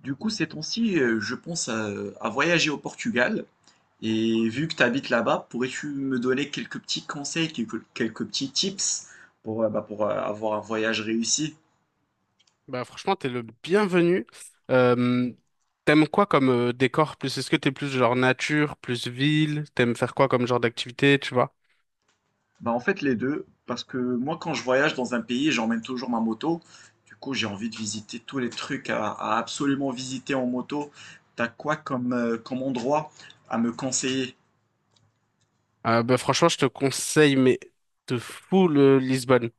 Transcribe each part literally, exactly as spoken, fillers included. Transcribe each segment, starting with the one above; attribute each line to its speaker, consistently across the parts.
Speaker 1: Du coup, ces temps-ci, euh, je pense à, à voyager au Portugal. Et vu que tu habites là-bas, pourrais-tu me donner quelques petits conseils, quelques, quelques petits tips pour, euh, bah, pour euh, avoir un voyage réussi?
Speaker 2: Bah franchement, t'es le bienvenu. Euh, t'aimes quoi comme euh, décor plus? Est-ce que t'es plus genre nature, plus ville? T'aimes faire quoi comme genre d'activité, tu vois?
Speaker 1: Bah, en fait, les deux. Parce que moi, quand je voyage dans un pays, j'emmène toujours ma moto. Du coup, j'ai envie de visiter tous les trucs à, à absolument visiter en moto. T'as quoi comme, euh, comme endroit à me conseiller?
Speaker 2: Euh, bah franchement, je te conseille, mais de fou le Lisbonne.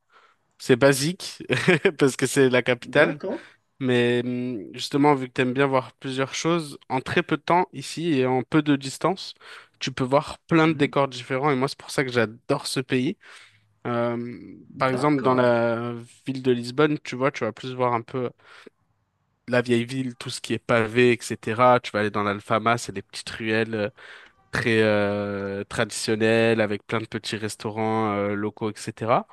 Speaker 2: C'est basique parce que c'est la capitale,
Speaker 1: D'accord.
Speaker 2: mais hum, justement, vu que t'aimes bien voir plusieurs choses, en très peu de temps ici et en peu de distance, tu peux voir plein de
Speaker 1: Mhm.
Speaker 2: décors différents. Et moi, c'est pour ça que j'adore ce pays. Euh, par exemple, dans
Speaker 1: D'accord.
Speaker 2: la ville de Lisbonne, tu vois, tu vas plus voir un peu la vieille ville, tout ce qui est pavé, et cetera. Tu vas aller dans l'Alfama, c'est des petites ruelles euh, très euh, traditionnelles, avec plein de petits restaurants euh, locaux, et cetera.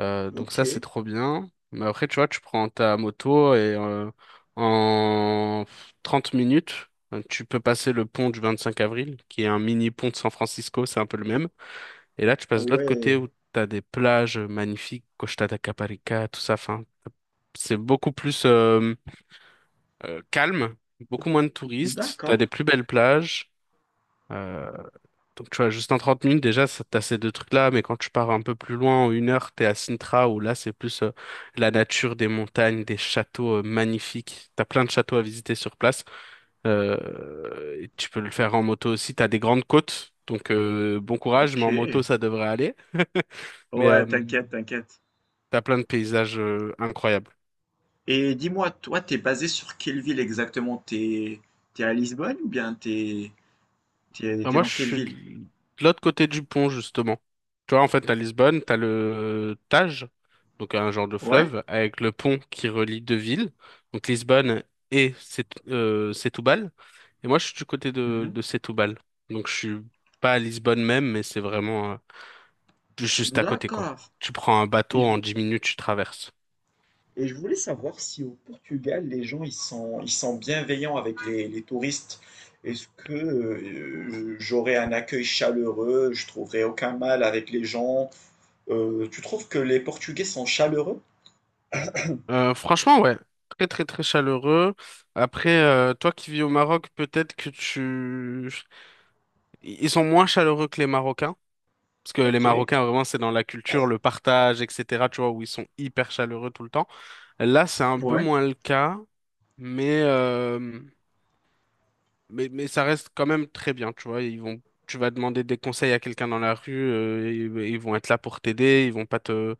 Speaker 2: Euh, donc
Speaker 1: Ok.
Speaker 2: ça, c'est trop bien. Mais après, tu vois, tu prends ta moto et euh, en trente minutes, euh, tu peux passer le pont du vingt-cinq avril, qui est un mini pont de San Francisco, c'est un peu le même. Et là, tu
Speaker 1: Ah
Speaker 2: passes de l'autre côté
Speaker 1: ouais.
Speaker 2: où tu as des plages magnifiques, Costa da Caparica, tout ça. Enfin, c'est beaucoup plus euh, euh, calme, beaucoup moins de touristes. Tu as
Speaker 1: D'accord.
Speaker 2: des plus belles plages. Euh, donc, tu vois, juste en trente minutes, déjà, ça- t'as ces deux trucs-là. Mais quand tu pars un peu plus loin, en une heure, t'es à Sintra, où là, c'est plus euh, la nature, des montagnes, des châteaux euh, magnifiques. T'as plein de châteaux à visiter sur place. Euh, et tu peux le faire en moto aussi. T'as des grandes côtes. Donc, euh, bon courage,
Speaker 1: Ok.
Speaker 2: mais en moto, ça devrait aller. Mais
Speaker 1: Ouais,
Speaker 2: euh,
Speaker 1: t'inquiète, t'inquiète.
Speaker 2: t'as plein de paysages euh, incroyables.
Speaker 1: Et dis-moi, toi, t'es basé sur quelle ville exactement? T'es, t'es à Lisbonne ou bien t'es, t'es,
Speaker 2: Bah,
Speaker 1: t'es
Speaker 2: moi, je
Speaker 1: dans quelle
Speaker 2: suis
Speaker 1: ville?
Speaker 2: de l'autre côté du pont, justement. Tu vois, en fait, à Lisbonne, t'as le Tage, donc un genre de
Speaker 1: Ouais?
Speaker 2: fleuve, avec le pont qui relie deux villes, donc Lisbonne et Set euh, Setúbal. Et moi, je suis du côté de,
Speaker 1: Mhm.
Speaker 2: de Setúbal. Donc, je suis pas à Lisbonne même, mais c'est vraiment euh, juste à côté, quoi.
Speaker 1: D'accord.
Speaker 2: Tu prends un
Speaker 1: Et
Speaker 2: bateau,
Speaker 1: je,
Speaker 2: en
Speaker 1: vou-
Speaker 2: dix minutes, tu traverses.
Speaker 1: et je voulais savoir si au Portugal, les gens, ils sont, ils sont bienveillants avec les, les touristes. Est-ce que euh, j'aurai un accueil chaleureux? Je trouverai aucun mal avec les gens. Euh, tu trouves que les Portugais sont chaleureux?
Speaker 2: Euh, franchement, ouais. Très, très, très chaleureux. Après, euh, toi qui vis au Maroc, peut-être que tu... Ils sont moins chaleureux que les Marocains. Parce que les
Speaker 1: Ok.
Speaker 2: Marocains, vraiment, c'est dans la culture, le partage, et cetera. Tu vois, où ils sont hyper chaleureux tout le temps. Là, c'est un peu
Speaker 1: Ouais.
Speaker 2: moins le cas. Mais, euh, mais, mais, ça reste quand même très bien, tu vois. Ils vont, tu vas demander des conseils à quelqu'un dans la rue, euh, ils, ils vont être là pour t'aider, ils vont pas te,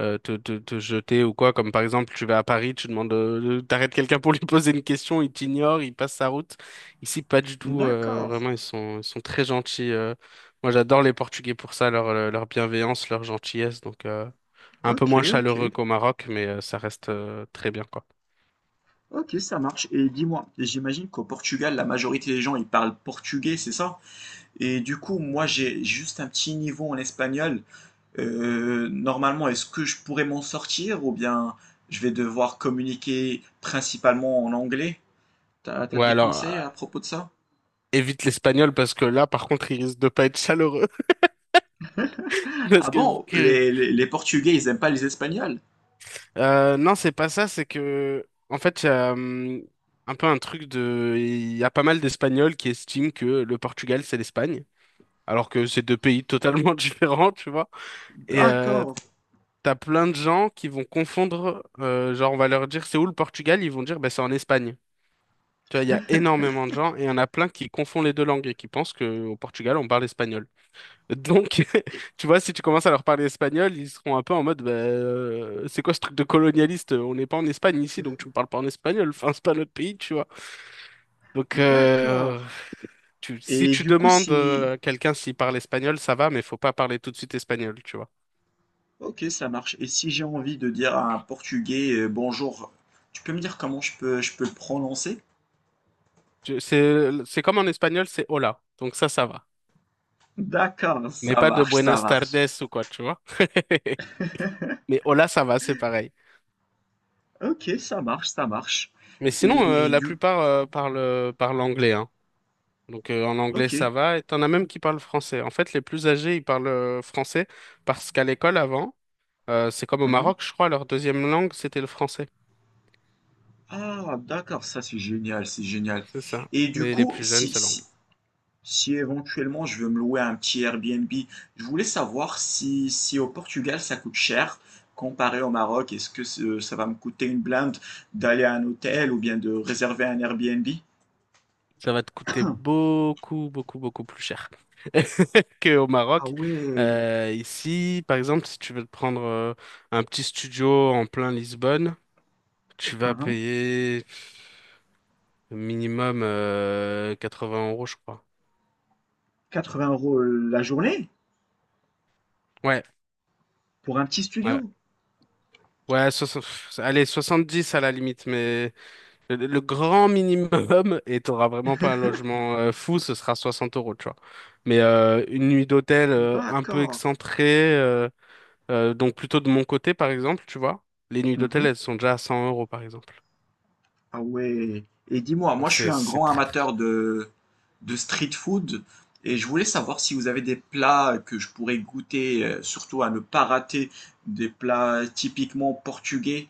Speaker 2: euh, te, te, te jeter ou quoi. Comme par exemple, tu vas à Paris, tu demandes, euh, t'arrêtes quelqu'un pour lui poser une question, il t'ignore, il passe sa route. Ici, pas du tout. Euh,
Speaker 1: D'accord.
Speaker 2: vraiment, ils sont, ils sont très gentils. euh. Moi, j'adore les Portugais pour ça, leur, euh, leur bienveillance, leur gentillesse. Donc, euh, un peu
Speaker 1: Ok,
Speaker 2: moins
Speaker 1: ok.
Speaker 2: chaleureux qu'au Maroc, mais euh, ça reste euh, très bien, quoi.
Speaker 1: Ok, ça marche. Et dis-moi, j'imagine qu'au Portugal, la majorité des gens, ils parlent portugais, c'est ça? Et du coup, moi, j'ai juste un petit niveau en espagnol. Euh, normalement, est-ce que je pourrais m'en sortir ou bien je vais devoir communiquer principalement en anglais? T'as, t'as
Speaker 2: Ouais,
Speaker 1: des
Speaker 2: alors,
Speaker 1: conseils
Speaker 2: euh,
Speaker 1: à propos de ça?
Speaker 2: évite l'espagnol parce que là, par contre, il risque de pas être chaleureux. Parce
Speaker 1: Ah
Speaker 2: que,
Speaker 1: bon,
Speaker 2: que-
Speaker 1: les, les- les Portugais, ils aiment pas les Espagnols?
Speaker 2: euh, non, c'est pas ça, c'est que, en fait, il y a hum, un peu un truc de. Il y a pas mal d'Espagnols qui estiment que le Portugal, c'est l'Espagne, alors que c'est deux pays totalement différents, tu vois. Et euh,
Speaker 1: D'accord.
Speaker 2: t'as plein de gens qui vont confondre, euh, genre on va leur dire c'est où le Portugal, ils vont dire bah, c'est en Espagne. Tu vois, il y a énormément de gens et il y en a plein qui confondent les deux langues et qui pensent qu'au Portugal on parle espagnol. Donc, tu vois, si tu commences à leur parler espagnol, ils seront un peu en mode bah, euh, c'est quoi ce truc de colonialiste? On n'est pas en Espagne ici, donc tu me parles pas en espagnol, enfin c'est pas notre pays, tu vois. Donc, euh,
Speaker 1: D'accord.
Speaker 2: tu- si
Speaker 1: Et
Speaker 2: tu
Speaker 1: du coup,
Speaker 2: demandes
Speaker 1: si...
Speaker 2: euh, à quelqu'un s'il parle espagnol, ça va, mais faut pas parler tout de suite espagnol, tu vois.
Speaker 1: Ok, ça marche. Et si j'ai envie de dire à un Portugais euh, bonjour, tu peux me dire comment je peux, je peux le prononcer?
Speaker 2: Tu- C'est c'est comme en espagnol, c'est hola, donc ça, ça va.
Speaker 1: D'accord,
Speaker 2: Mais
Speaker 1: ça
Speaker 2: pas de
Speaker 1: marche, ça
Speaker 2: Buenas
Speaker 1: marche.
Speaker 2: tardes ou quoi, tu vois. Mais hola, ça va, c'est pareil.
Speaker 1: Ok, ça marche, ça marche.
Speaker 2: Mais sinon, euh,
Speaker 1: Et
Speaker 2: la
Speaker 1: du...
Speaker 2: plupart euh, parlent, euh, parlent anglais, hein. Donc euh, en anglais,
Speaker 1: Ok.
Speaker 2: ça va. Et t'en as même qui parlent français. En fait, les plus âgés, ils parlent euh, français parce qu'à l'école, avant, euh, c'est comme au
Speaker 1: Mhm.
Speaker 2: Maroc, je crois, leur deuxième langue, c'était le français.
Speaker 1: Ah, d'accord, ça c'est génial, c'est génial.
Speaker 2: C'est ça.
Speaker 1: Et du
Speaker 2: Mais les
Speaker 1: coup,
Speaker 2: plus jeunes,
Speaker 1: si,
Speaker 2: c'est
Speaker 1: si,
Speaker 2: l'anglais.
Speaker 1: si éventuellement je veux me louer un petit Airbnb, je voulais savoir si, si au Portugal ça coûte cher comparé au Maroc. Est-ce que ce- ça va me coûter une blinde d'aller à un hôtel ou bien de réserver un Airbnb?
Speaker 2: Ça va te coûter beaucoup, beaucoup, beaucoup plus cher qu'au
Speaker 1: Ah
Speaker 2: Maroc.
Speaker 1: ouais,
Speaker 2: Euh, ici, par exemple, si tu veux te prendre euh, un petit studio en plein Lisbonne, tu vas
Speaker 1: hein,
Speaker 2: payer minimum euh, quatre-vingts euros, je crois.
Speaker 1: quatre-vingts euros la journée
Speaker 2: Ouais,
Speaker 1: pour un petit
Speaker 2: ouais.
Speaker 1: studio.
Speaker 2: Ouais, soixante- pff, allez, soixante-dix à la limite, mais le, le grand minimum, et t'auras vraiment pas un logement euh, fou, ce sera soixante euros, tu vois. Mais euh, une nuit d'hôtel euh, un peu
Speaker 1: D'accord.
Speaker 2: excentrée, euh, euh, donc plutôt de mon côté, par exemple, tu vois. Les nuits
Speaker 1: Mhm.
Speaker 2: d'hôtel, elles sont déjà à cent euros, par exemple.
Speaker 1: Ah ouais. Et dis-moi, moi
Speaker 2: Donc
Speaker 1: je suis
Speaker 2: c'est
Speaker 1: un
Speaker 2: c'est
Speaker 1: grand
Speaker 2: très très.
Speaker 1: amateur de, de street food et je voulais savoir si vous avez des plats que je pourrais goûter, euh, surtout à ne pas rater, des plats typiquement portugais.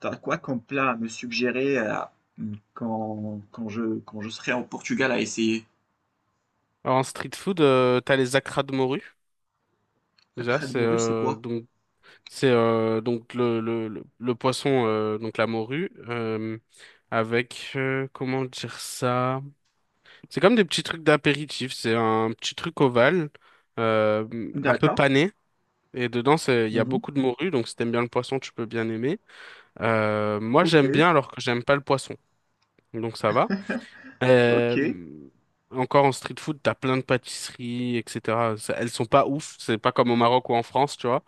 Speaker 1: T'as quoi comme plat à me suggérer euh, quand, quand je, quand je serai en Portugal à essayer?
Speaker 2: Alors, en street food, euh, t'as les accras de morue.
Speaker 1: La
Speaker 2: Déjà,
Speaker 1: crade
Speaker 2: c'est
Speaker 1: morue, c'est
Speaker 2: euh,
Speaker 1: quoi?
Speaker 2: donc C'est euh, donc le, le, le, le poisson, euh, donc la morue, euh, avec, euh, comment dire ça? C'est comme des petits trucs d'apéritif, c'est un petit truc ovale, euh, un peu
Speaker 1: D'accord.
Speaker 2: pané, et dedans, c'est, il y a
Speaker 1: Mhm.
Speaker 2: beaucoup de morue, donc si t'aimes bien le poisson, tu peux bien aimer. Euh, moi,
Speaker 1: Ok,
Speaker 2: j'aime bien alors que j'aime pas le poisson, donc ça va.
Speaker 1: ok.
Speaker 2: Euh, encore en street food, t'as plein de pâtisseries, et cetera. Ça- Elles sont pas ouf, c'est pas comme au Maroc ou en France, tu vois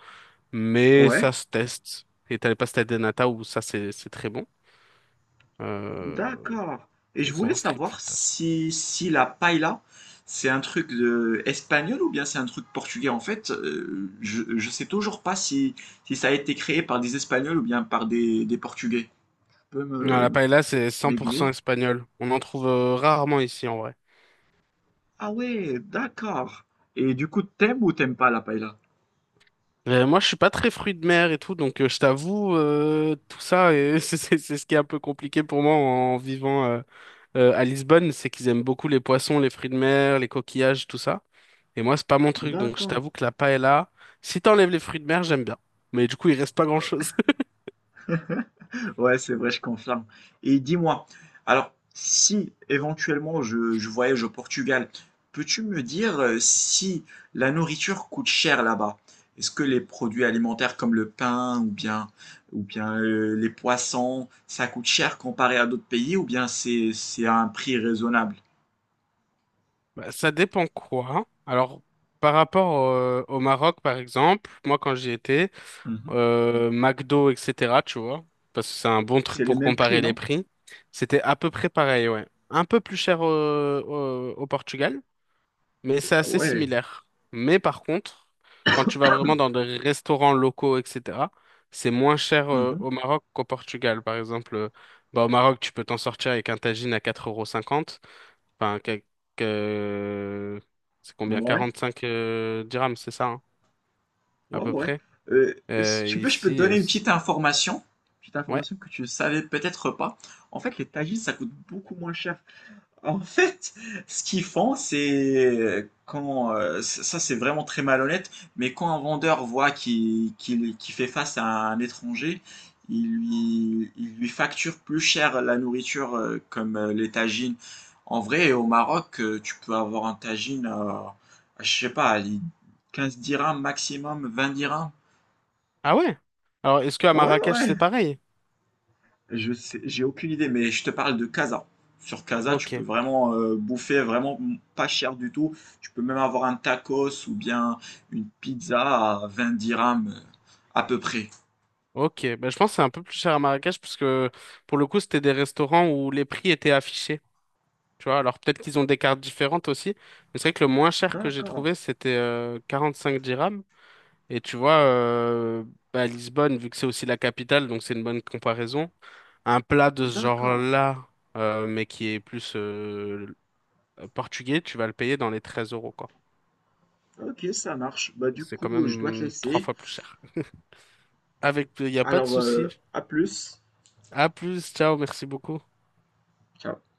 Speaker 2: mais
Speaker 1: Ouais.
Speaker 2: ça se teste. Et t'as les pastas de nata où ça, c'est c'est très bon. Euh,
Speaker 1: D'accord. Et je
Speaker 2: donc
Speaker 1: voulais
Speaker 2: en street
Speaker 1: savoir
Speaker 2: food, t'as ça.
Speaker 1: si, si la paella, c'est un truc de espagnol ou bien c'est un truc portugais. En fait, euh, je, je sais toujours pas si, si ça a été créé par des Espagnols ou bien par des, des Portugais. Tu peux
Speaker 2: Non, la
Speaker 1: me,
Speaker 2: paella, c'est cent pour cent
Speaker 1: m'aiguiller?
Speaker 2: espagnol. On en trouve euh, rarement ici, en vrai.
Speaker 1: Ah ouais, d'accord. Et du coup, t'aimes ou t'aimes pas la paella?
Speaker 2: Euh, moi, je suis pas très fruit de mer et tout, donc euh, je t'avoue, euh, tout ça, et c'est c'est- c'est ce qui est un peu compliqué pour moi en vivant euh, euh, à Lisbonne, c'est qu'ils aiment beaucoup les poissons, les fruits de mer, les coquillages, tout ça. Et moi, c'est pas mon truc, donc je
Speaker 1: D'accord.
Speaker 2: t'avoue que la paella, si t'enlèves les fruits de mer, j'aime bien. Mais du coup, il reste pas grand-chose.
Speaker 1: Ouais, c'est vrai, je confirme. Et dis-moi, alors, si éventuellement je, je voyage au Portugal, peux-tu me dire euh, si la nourriture coûte cher là-bas? Est-ce que les produits alimentaires comme le pain ou bien, ou bien euh, les poissons, ça coûte cher comparé à d'autres pays ou bien c'est, c'est à un prix raisonnable?
Speaker 2: Bah, ça dépend quoi. Hein. Alors, par rapport euh, au Maroc, par exemple, moi, quand j'y étais,
Speaker 1: Mhm.
Speaker 2: euh, McDo, et cetera, tu vois, parce que c'est un bon truc
Speaker 1: C'est les
Speaker 2: pour
Speaker 1: mêmes prix,
Speaker 2: comparer les
Speaker 1: non?
Speaker 2: prix, c'était à peu près pareil, ouais. Un peu plus cher euh, au, au Portugal, mais c'est
Speaker 1: Ah
Speaker 2: assez
Speaker 1: ouais.
Speaker 2: similaire. Mais par contre, quand tu vas vraiment dans des restaurants locaux, et cetera, c'est moins cher euh,
Speaker 1: Mhm.
Speaker 2: au Maroc qu'au Portugal. Par exemple, euh, bah, au Maroc, tu peux t'en sortir avec un tagine à quatre euros cinquante. Enfin, quelques... euh, c'est combien?
Speaker 1: Ouais.
Speaker 2: quarante-cinq euh, dirhams, c'est ça, hein, à
Speaker 1: Ouais,
Speaker 2: peu
Speaker 1: ouais.
Speaker 2: près.
Speaker 1: Euh, si
Speaker 2: Euh,
Speaker 1: tu veux, je peux te
Speaker 2: ici, euh,
Speaker 1: donner une
Speaker 2: c-
Speaker 1: petite information. Petite
Speaker 2: ouais.
Speaker 1: information que tu ne savais peut-être pas. En fait, les tagines, ça coûte beaucoup moins cher en fait, ce qu'ils font, c'est quand euh, ça ça, c'est vraiment très malhonnête, mais quand un vendeur voit qu'il qu'il- qu'il fait face à un étranger, il lui, il lui facture plus cher la nourriture euh, comme euh, les tagines. En vrai, au Maroc, euh, tu peux avoir un tagine à, à, je sais pas, à les quinze dirhams maximum, vingt dirhams.
Speaker 2: Ah ouais? Alors, est-ce qu'à
Speaker 1: Ouais,
Speaker 2: Marrakech,
Speaker 1: ouais,
Speaker 2: c'est pareil?
Speaker 1: je sais, j'ai aucune idée, mais je te parle de Casa. Sur Casa, tu peux
Speaker 2: Ok.
Speaker 1: vraiment euh, bouffer vraiment pas cher du tout. Tu peux même avoir un tacos ou bien une pizza à vingt dirhams euh, à peu près.
Speaker 2: Ok. Bah, je pense que c'est un peu plus cher à Marrakech parce que pour le coup, c'était des restaurants où les prix étaient affichés. Tu vois, alors peut-être qu'ils ont des cartes différentes aussi. Mais c'est vrai que le moins cher que j'ai
Speaker 1: D'accord,
Speaker 2: trouvé, c'était euh, cinq dirhams. Et tu vois, euh, bah, Lisbonne, vu que c'est aussi la capitale, donc c'est une bonne comparaison. Un plat de ce
Speaker 1: d'accord.
Speaker 2: genre-là, euh, mais qui est plus euh, portugais, tu vas le payer dans les treize euros, quoi.
Speaker 1: Ok, ça marche. Bah du
Speaker 2: C'est quand
Speaker 1: coup, je dois te
Speaker 2: même trois
Speaker 1: laisser.
Speaker 2: fois plus cher. Avec, il n'y a pas de
Speaker 1: Alors,
Speaker 2: souci.
Speaker 1: euh, à plus.
Speaker 2: À plus, ciao, merci beaucoup.
Speaker 1: Ciao.